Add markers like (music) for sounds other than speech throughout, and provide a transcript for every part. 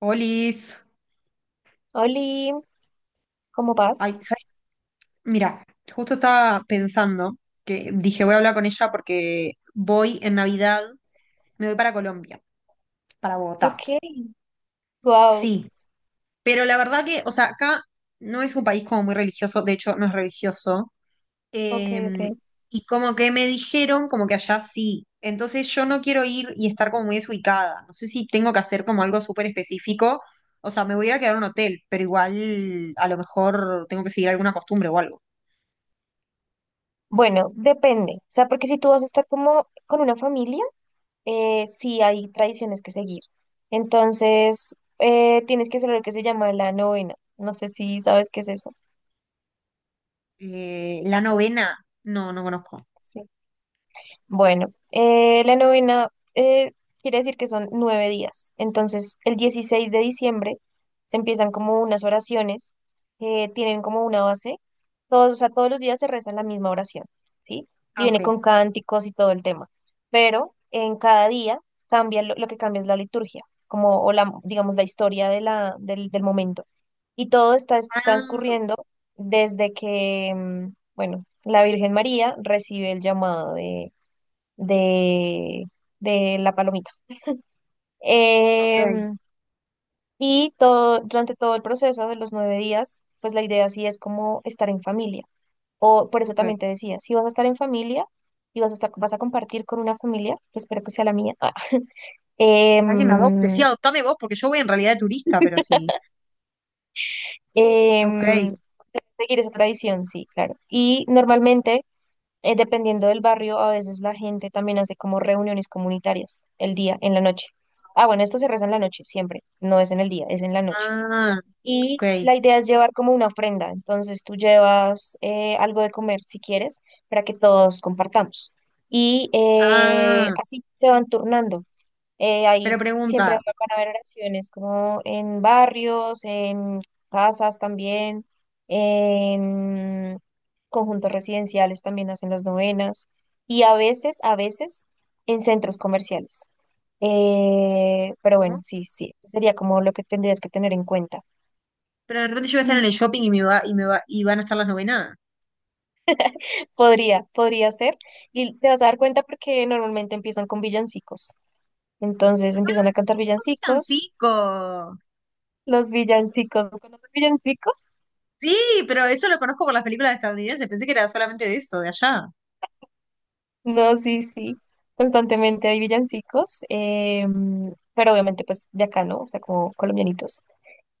Olis. Oli, ¿cómo Ay, vas? ¿sabes? Mira, justo estaba pensando que dije voy a hablar con ella porque voy en Navidad, me voy para Colombia, para Bogotá. Ok, wow, Sí, pero la verdad que, o sea, acá no es un país como muy religioso, de hecho no es religioso. ok, Eh, ok. y como que me dijeron como que allá sí. Entonces yo no quiero ir y estar como muy desubicada. No sé si tengo que hacer como algo súper específico. O sea, me voy a ir a quedar en un hotel, pero igual a lo mejor tengo que seguir alguna costumbre o algo. Bueno, depende, o sea, porque si tú vas a estar como con una familia, sí hay tradiciones que seguir. Entonces, tienes que hacer lo que se llama la novena. No sé si sabes qué es eso. La novena, no, no conozco. Bueno, la novena eh, quiere decir que son 9 días. Entonces, el 16 de diciembre se empiezan como unas oraciones que tienen como una base. Todos, o sea, todos los días se reza la misma oración, ¿sí? Y Ah, ok. viene con cánticos y todo el tema. Pero en cada día cambia lo que cambia es la liturgia, como o la, digamos, la historia del momento. Y todo está Ah, transcurriendo desde que, bueno, la Virgen María recibe el llamado de, de la palomita. ok, Em, y todo, durante todo el proceso de los 9 días, pues la idea sí es como estar en familia. O por eso ok. también te decía, si vas a estar en familia y vas a estar, vas a compartir con una familia, que espero que sea la mía, ah, Alguien me adopte. Sí, em, adoptame vos, porque yo voy en realidad de turista, pero sí. Ok. em, seguir esa tradición, sí, claro. Y normalmente, dependiendo del barrio, a veces la gente también hace como reuniones comunitarias el día, en la noche. Ah, bueno, esto se reza en la noche, siempre, no es en el día, es en la noche. Ah, Y ok. la idea es llevar como una ofrenda. Entonces tú llevas algo de comer si quieres para que todos compartamos. Y Ah, así se van turnando. Pero Ahí siempre pregunta, van a haber oraciones como en barrios, en casas también, en conjuntos residenciales también hacen las novenas y a veces en centros comerciales. Pero bueno, ¿cómo? sí, sí, sería como lo que tendrías que tener en cuenta. Pero de repente yo voy a estar en el shopping y van a estar las novenas. Podría ser. Y te vas a dar cuenta porque normalmente empiezan con villancicos. Entonces empiezan a cantar ¡Ay, qué son villancicos. cinco! Los villancicos, ¿conoces villancicos? Sí, pero eso lo conozco por las películas estadounidenses. Pensé que era solamente de eso, de allá. No, sí, sí. Constantemente hay villancicos. Pero obviamente pues de acá, ¿no? O sea, como colombianitos.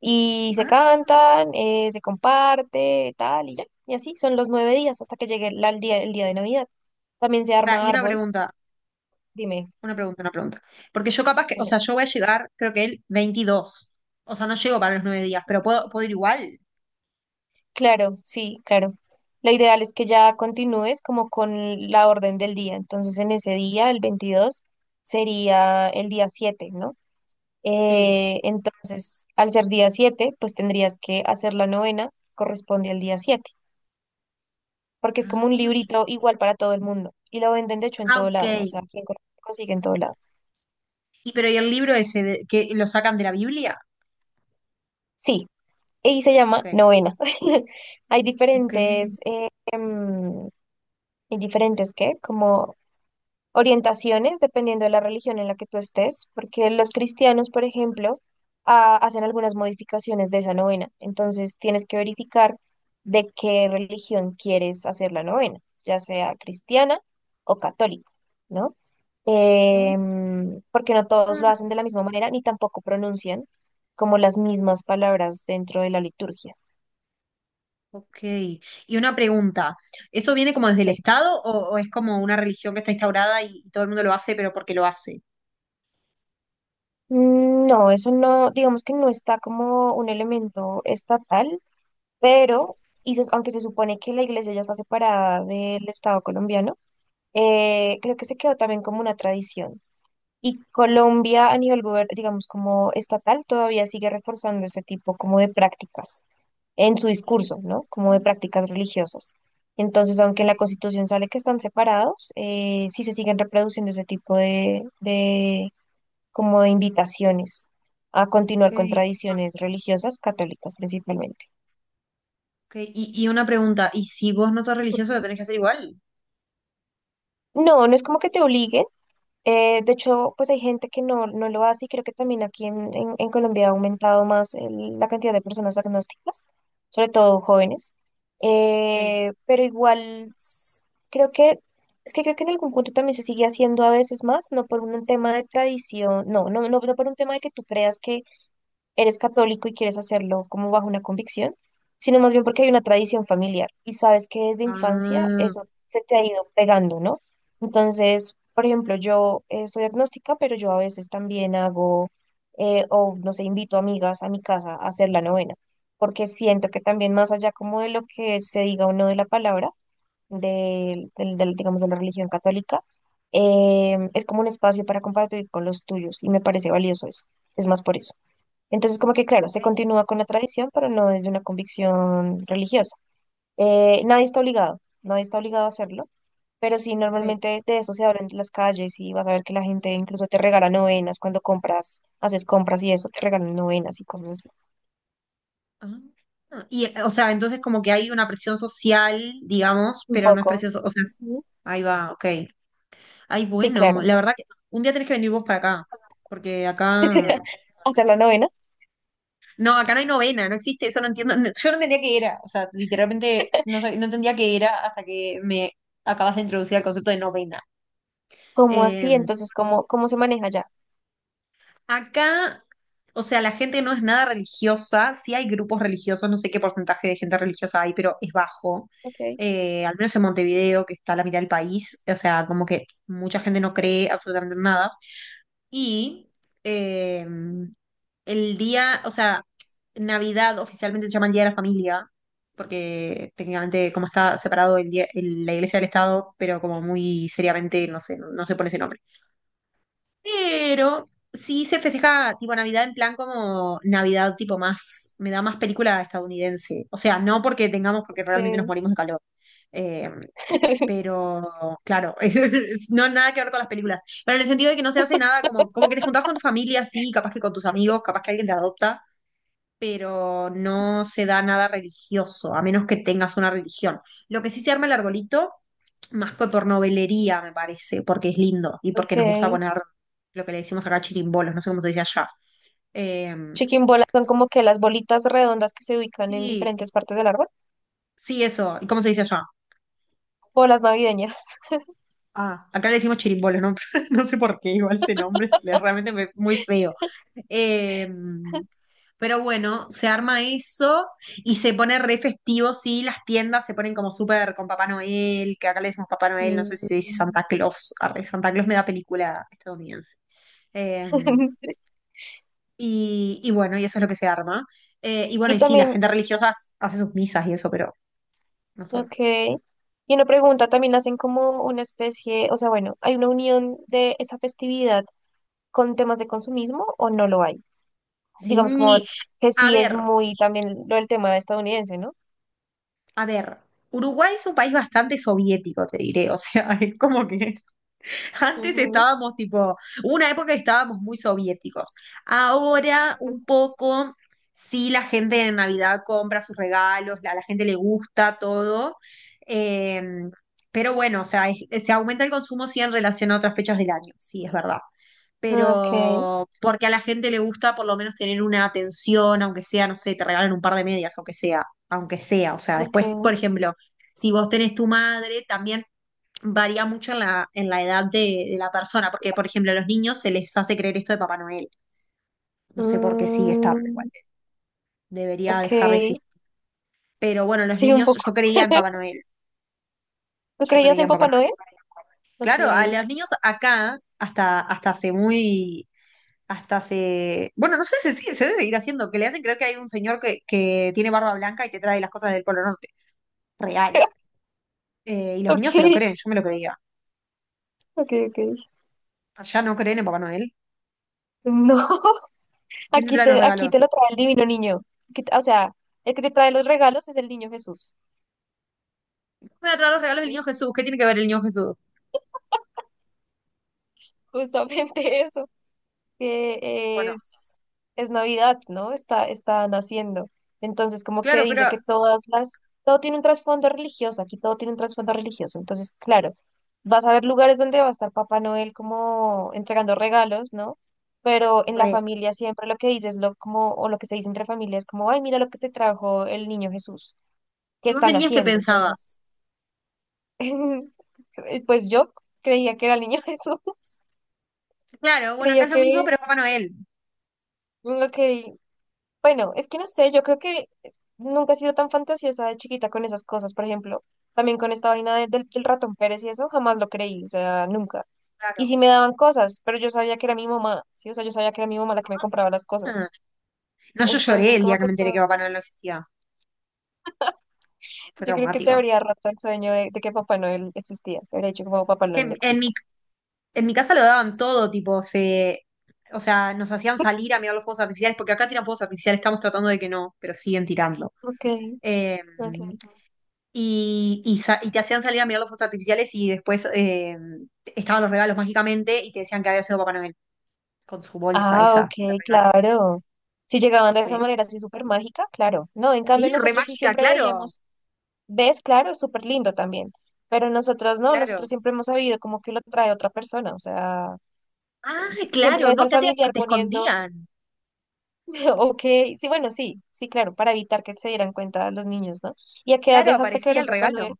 Y se Ah, cantan, se comparte, tal y ya. Y así son los 9 días hasta que llegue el día, el día de Navidad. También se pará, arma y una árbol. pregunta. Dime, Una pregunta, una pregunta. Porque yo capaz que, o dime. sea, yo voy a llegar, creo que el 22. O sea, no llego para los 9 días, pero puedo ir igual. Claro, sí, claro. Lo ideal es que ya continúes como con la orden del día. Entonces, en ese día, el 22 sería el día 7, ¿no? Sí. Entonces, al ser día 7, pues tendrías que hacer la novena, corresponde al día 7, porque es como un Ah, y- librito igual para todo el mundo. Y lo venden, de hecho, en ah, todo ok. lado. O sea, quien consigue en todo lado. Y pero ¿y el libro ese que lo sacan de la Biblia? Sí, y se llama Ok. novena. (laughs) Hay Ok. diferentes, eh, em, hay diferentes, ¿qué? Como orientaciones dependiendo de la religión en la que tú estés, porque los cristianos, por ejemplo, ah, hacen algunas modificaciones de esa novena. Entonces tienes que verificar de qué religión quieres hacer la novena, ya sea cristiana o católica, ¿no? Ah, Porque no todos lo hacen de la misma manera ni tampoco pronuncian como las mismas palabras dentro de la liturgia. ok. Y una pregunta. ¿Eso viene como desde el Bueno, Estado o es como una religión que está instaurada y todo el mundo lo hace, pero porque lo hace? No, eso no, digamos que no está como un elemento estatal, pero aunque se supone que la iglesia ya está separada del Estado colombiano, creo que se quedó también como una tradición. Y Colombia a nivel, digamos, como estatal, todavía sigue reforzando ese tipo como de prácticas en su discurso, Ah, ¿no? Como de prácticas religiosas. Entonces, aunque en la Constitución sale que están separados, sí se siguen reproduciendo ese tipo de como de invitaciones a ok, continuar con tradiciones religiosas católicas principalmente. ok. Y una pregunta. ¿Y si vos no sos religioso, lo tenés que hacer igual? No, no es como que te obliguen. De hecho, pues hay gente que no, no lo hace y creo que también aquí en Colombia ha aumentado más la cantidad de personas diagnósticas, sobre todo jóvenes. Ok. Pero igual creo que, es que creo que en algún punto también se sigue haciendo a veces más, no por un tema de tradición, no, no, no, no por un tema de que tú creas que eres católico y quieres hacerlo como bajo una convicción, sino más bien porque hay una tradición familiar y sabes que desde infancia Ah, eso se te ha ido pegando, ¿no? Entonces, por ejemplo, yo soy agnóstica, pero yo a veces también hago, o no sé, invito amigas a mi casa a hacer la novena, porque siento que también más allá como de lo que se diga o no de la palabra, del, digamos, de la religión católica, es como un espacio para compartir con los tuyos y me parece valioso eso. Es más por eso. Entonces, como que claro, se continúa con la tradición, pero no desde una convicción religiosa. Nadie está obligado, nadie está obligado a hacerlo, pero sí, ok. normalmente de eso se abren las calles y vas a ver que la gente incluso te regala novenas cuando compras, haces compras y eso, te regalan novenas y cosas así. Ah, Ah, y, o sea, entonces como que hay una presión social, digamos, Un pero no es poco. presión, o sea, Ujú. ahí va, ok. Ay, Sí, bueno, claro. la verdad que un día tenés que venir vos para acá, porque (laughs) Hacer la novena. Acá no hay novena, no existe, eso no entiendo, yo no entendía qué era, o sea, literalmente no, no entendía qué era hasta que me acabas de introducir el concepto de novena. ¿Cómo así? Em, Entonces, ¿cómo, cómo se maneja ya? Acá, o sea, la gente no es nada religiosa, sí hay grupos religiosos, no sé qué porcentaje de gente religiosa hay, pero es bajo. Ok, Al menos en Montevideo, que está a la mitad del país, o sea, como que mucha gente no cree absolutamente en nada. Y eh, el día, o sea, Navidad oficialmente se llama el Día de la Familia, porque técnicamente como está separado la Iglesia del Estado, pero como muy seriamente, no sé, no se pone ese nombre. Pero sí se festeja tipo Navidad en plan como Navidad tipo más, me da más película estadounidense. O sea, no porque tengamos, porque realmente nos ok, morimos de calor. Eh, (laughs) pero claro, (laughs) no nada que ver con las películas. Pero en el sentido de que no se hace nada, como que te juntás con tu familia, sí, capaz que con tus amigos, capaz que alguien te adopta, pero no se da nada religioso, a menos que tengas una religión. Lo que sí se arma el arbolito más que por me parece, porque es lindo y porque nos gusta ok. poner lo que le decimos acá chirimbolos, no sé cómo se dice allá. Eh, Chiquimbolas son como que las bolitas redondas que se ubican en sí, diferentes partes del árbol. sí, eso. ¿Y cómo se dice allá? Bolas navideñas. Ah, acá le decimos chirimbolos, ¿no? (laughs) No sé por qué, igual ese nombre (laughs) realmente muy feo. Eh, pero bueno, se arma eso y se pone re festivo, sí, las tiendas se ponen como súper con Papá Noel, que acá le decimos Papá Noel, no sé si se dice Mm. Santa Claus, arre, Santa Claus me da película estadounidense. Eh, (laughs) y bueno, y eso es lo que se arma. Y bueno, Y y sí, la también, gente religiosa hace sus misas y eso, pero nosotros. ok. Y una pregunta, también hacen como una especie, o sea, bueno, ¿hay una unión de esa festividad con temas de consumismo o no lo hay? Digamos como Sí, que a sí es ver, muy también lo del tema estadounidense, ¿no? a ver. Uruguay es un país bastante soviético, te diré. O sea, (laughs) es como que antes Ujú. estábamos tipo, hubo una época que estábamos muy soviéticos. Ahora un poco, sí, la gente en Navidad compra sus regalos, a la gente le gusta todo. Eh, pero bueno, o sea, se aumenta el consumo sí en relación a otras fechas del año, sí, es verdad. Okay, Pero porque a la gente le gusta por lo menos tener una atención, aunque sea, no sé, te regalen un par de medias, aunque sea, o sea, después, okay. por ejemplo, si vos tenés tu madre, también varía mucho en la edad de la persona, porque, por ejemplo, a los niños se les hace creer esto de Papá Noel, no sé por qué sigue estando igual, Mm, debería ok, dejar de existir, pero bueno, los sí, un niños, poco. yo creía en Papá (laughs) Noel, ¿Tú yo creías creía en en Papá Papá Noel. Noel? Claro, a Okay. los niños acá, hasta hace muy, hasta se. Bueno, no sé, se debe seguir haciendo, que le hacen creer que hay un señor que tiene barba blanca y te trae las cosas del Polo Norte. Real. (laughs) Y los niños se lo Okay, creen, yo me lo creía. okay, okay. Allá no creen en Papá Noel. No. (laughs) ¿Quién te Aquí trae los te, aquí regalos? te lo trae el divino niño. O sea, el que te trae los regalos es el niño Jesús, Me va a traer los regalos del ¿sí? niño Jesús. ¿Qué tiene que ver el niño Jesús? Justamente (laughs) eso, que Bueno, es Navidad, ¿no? Está, está naciendo. Entonces, como que claro, pero. dice que todas las, todo tiene un trasfondo religioso, aquí todo tiene un trasfondo religioso. Entonces, claro, vas a ver lugares donde va a estar Papá Noel como entregando regalos, ¿no? Pero en la Re. familia siempre lo que dices, lo, como, o lo que se dice entre familias, como, ay, mira lo que te trajo el niño Jesús que ¿Y vos de están niños qué haciendo. Entonces, pensabas? (laughs) pues yo creía que era el niño (laughs) Jesús, Claro, bueno, acá creía es lo que mismo, pero es Papá Noel. lo que, bueno, es que no sé, yo creo que nunca he sido tan fantasiosa de chiquita con esas cosas, por ejemplo, también con esta vaina del, del ratón Pérez y eso, jamás lo creí, o sea, nunca. Y Claro. sí me daban cosas, pero yo sabía que era mi mamá, sí, o sea, yo sabía que era mi mamá la que me compraba las cosas. Ah. No, yo lloré Entonces, el como día que que me enteré que Papá Noel no existía. Fue yo creo que te traumático. habría roto el sueño de que Papá Noel existía, te habría dicho como Papá Es que Noel no en, en mi existe. En mi casa lo daban todo, tipo, o sea, nos hacían salir a mirar los fuegos artificiales, porque acá tiran fuegos artificiales, estamos tratando de que no, pero siguen tirando. Ok, Eh, ok. y te hacían salir a mirar los fuegos artificiales y después estaban los regalos mágicamente y te decían que había sido Papá Noel con su bolsa Ah, esa ok, de regalos. claro. Si llegaban de esa Sí. manera así súper mágica, claro. No, en Sí, cambio re nosotros sí mágica, siempre claro, veíamos, ves, claro, es súper lindo también, pero nosotros no, nosotros claro. siempre hemos sabido como que lo trae otra persona, o sea, Ah, siempre claro, ves no, al acá te, familiar te poniendo, escondían. (laughs) ok, sí, bueno, sí, sí, claro, para evitar que se dieran cuenta los niños, ¿no? ¿Y a qué edad Claro, dejaste creer aparecía en el Papá regalo. Noel?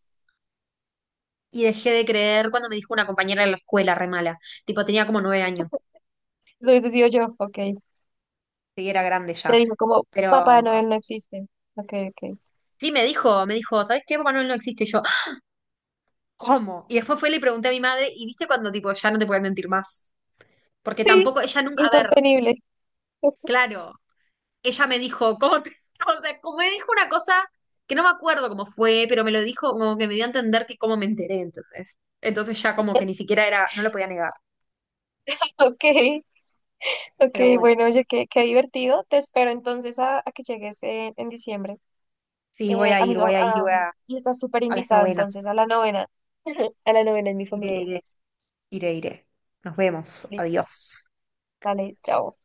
Y dejé de creer cuando me dijo una compañera de la escuela, re mala. Tipo, tenía como 9 años. Eso hubiese sido yo, ok. Sí, era grande Te ya. dijo como, Papá Pero, Noel no existe, ok, ok. Sí, me dijo, ¿sabes qué? Papá Noel no existe. Y yo, "Ah, ¿cómo?" Y después fue y le pregunté a mi madre, y viste cuando tipo, ya no te pueden mentir más. Porque tampoco, ella nunca, a ver, Insostenible. (laughs) claro, ella me dijo, ¿cómo (laughs) o sea, como me dijo una cosa que no me acuerdo cómo fue, pero me lo dijo como que me dio a entender que cómo me enteré, entonces. Entonces ya como que ni siquiera era, no lo podía negar. Ok. Ok, Pero bueno, bueno, oye, qué divertido. Te espero entonces a que llegues en diciembre. sí, voy a ir, Amigo, voy a ir, voy a, y estás súper a las invitado entonces novenas. a la novena. (laughs) A la novena en mi Iré, familia. iré, iré, iré. Nos vemos. Listo, Adiós. dale, chao.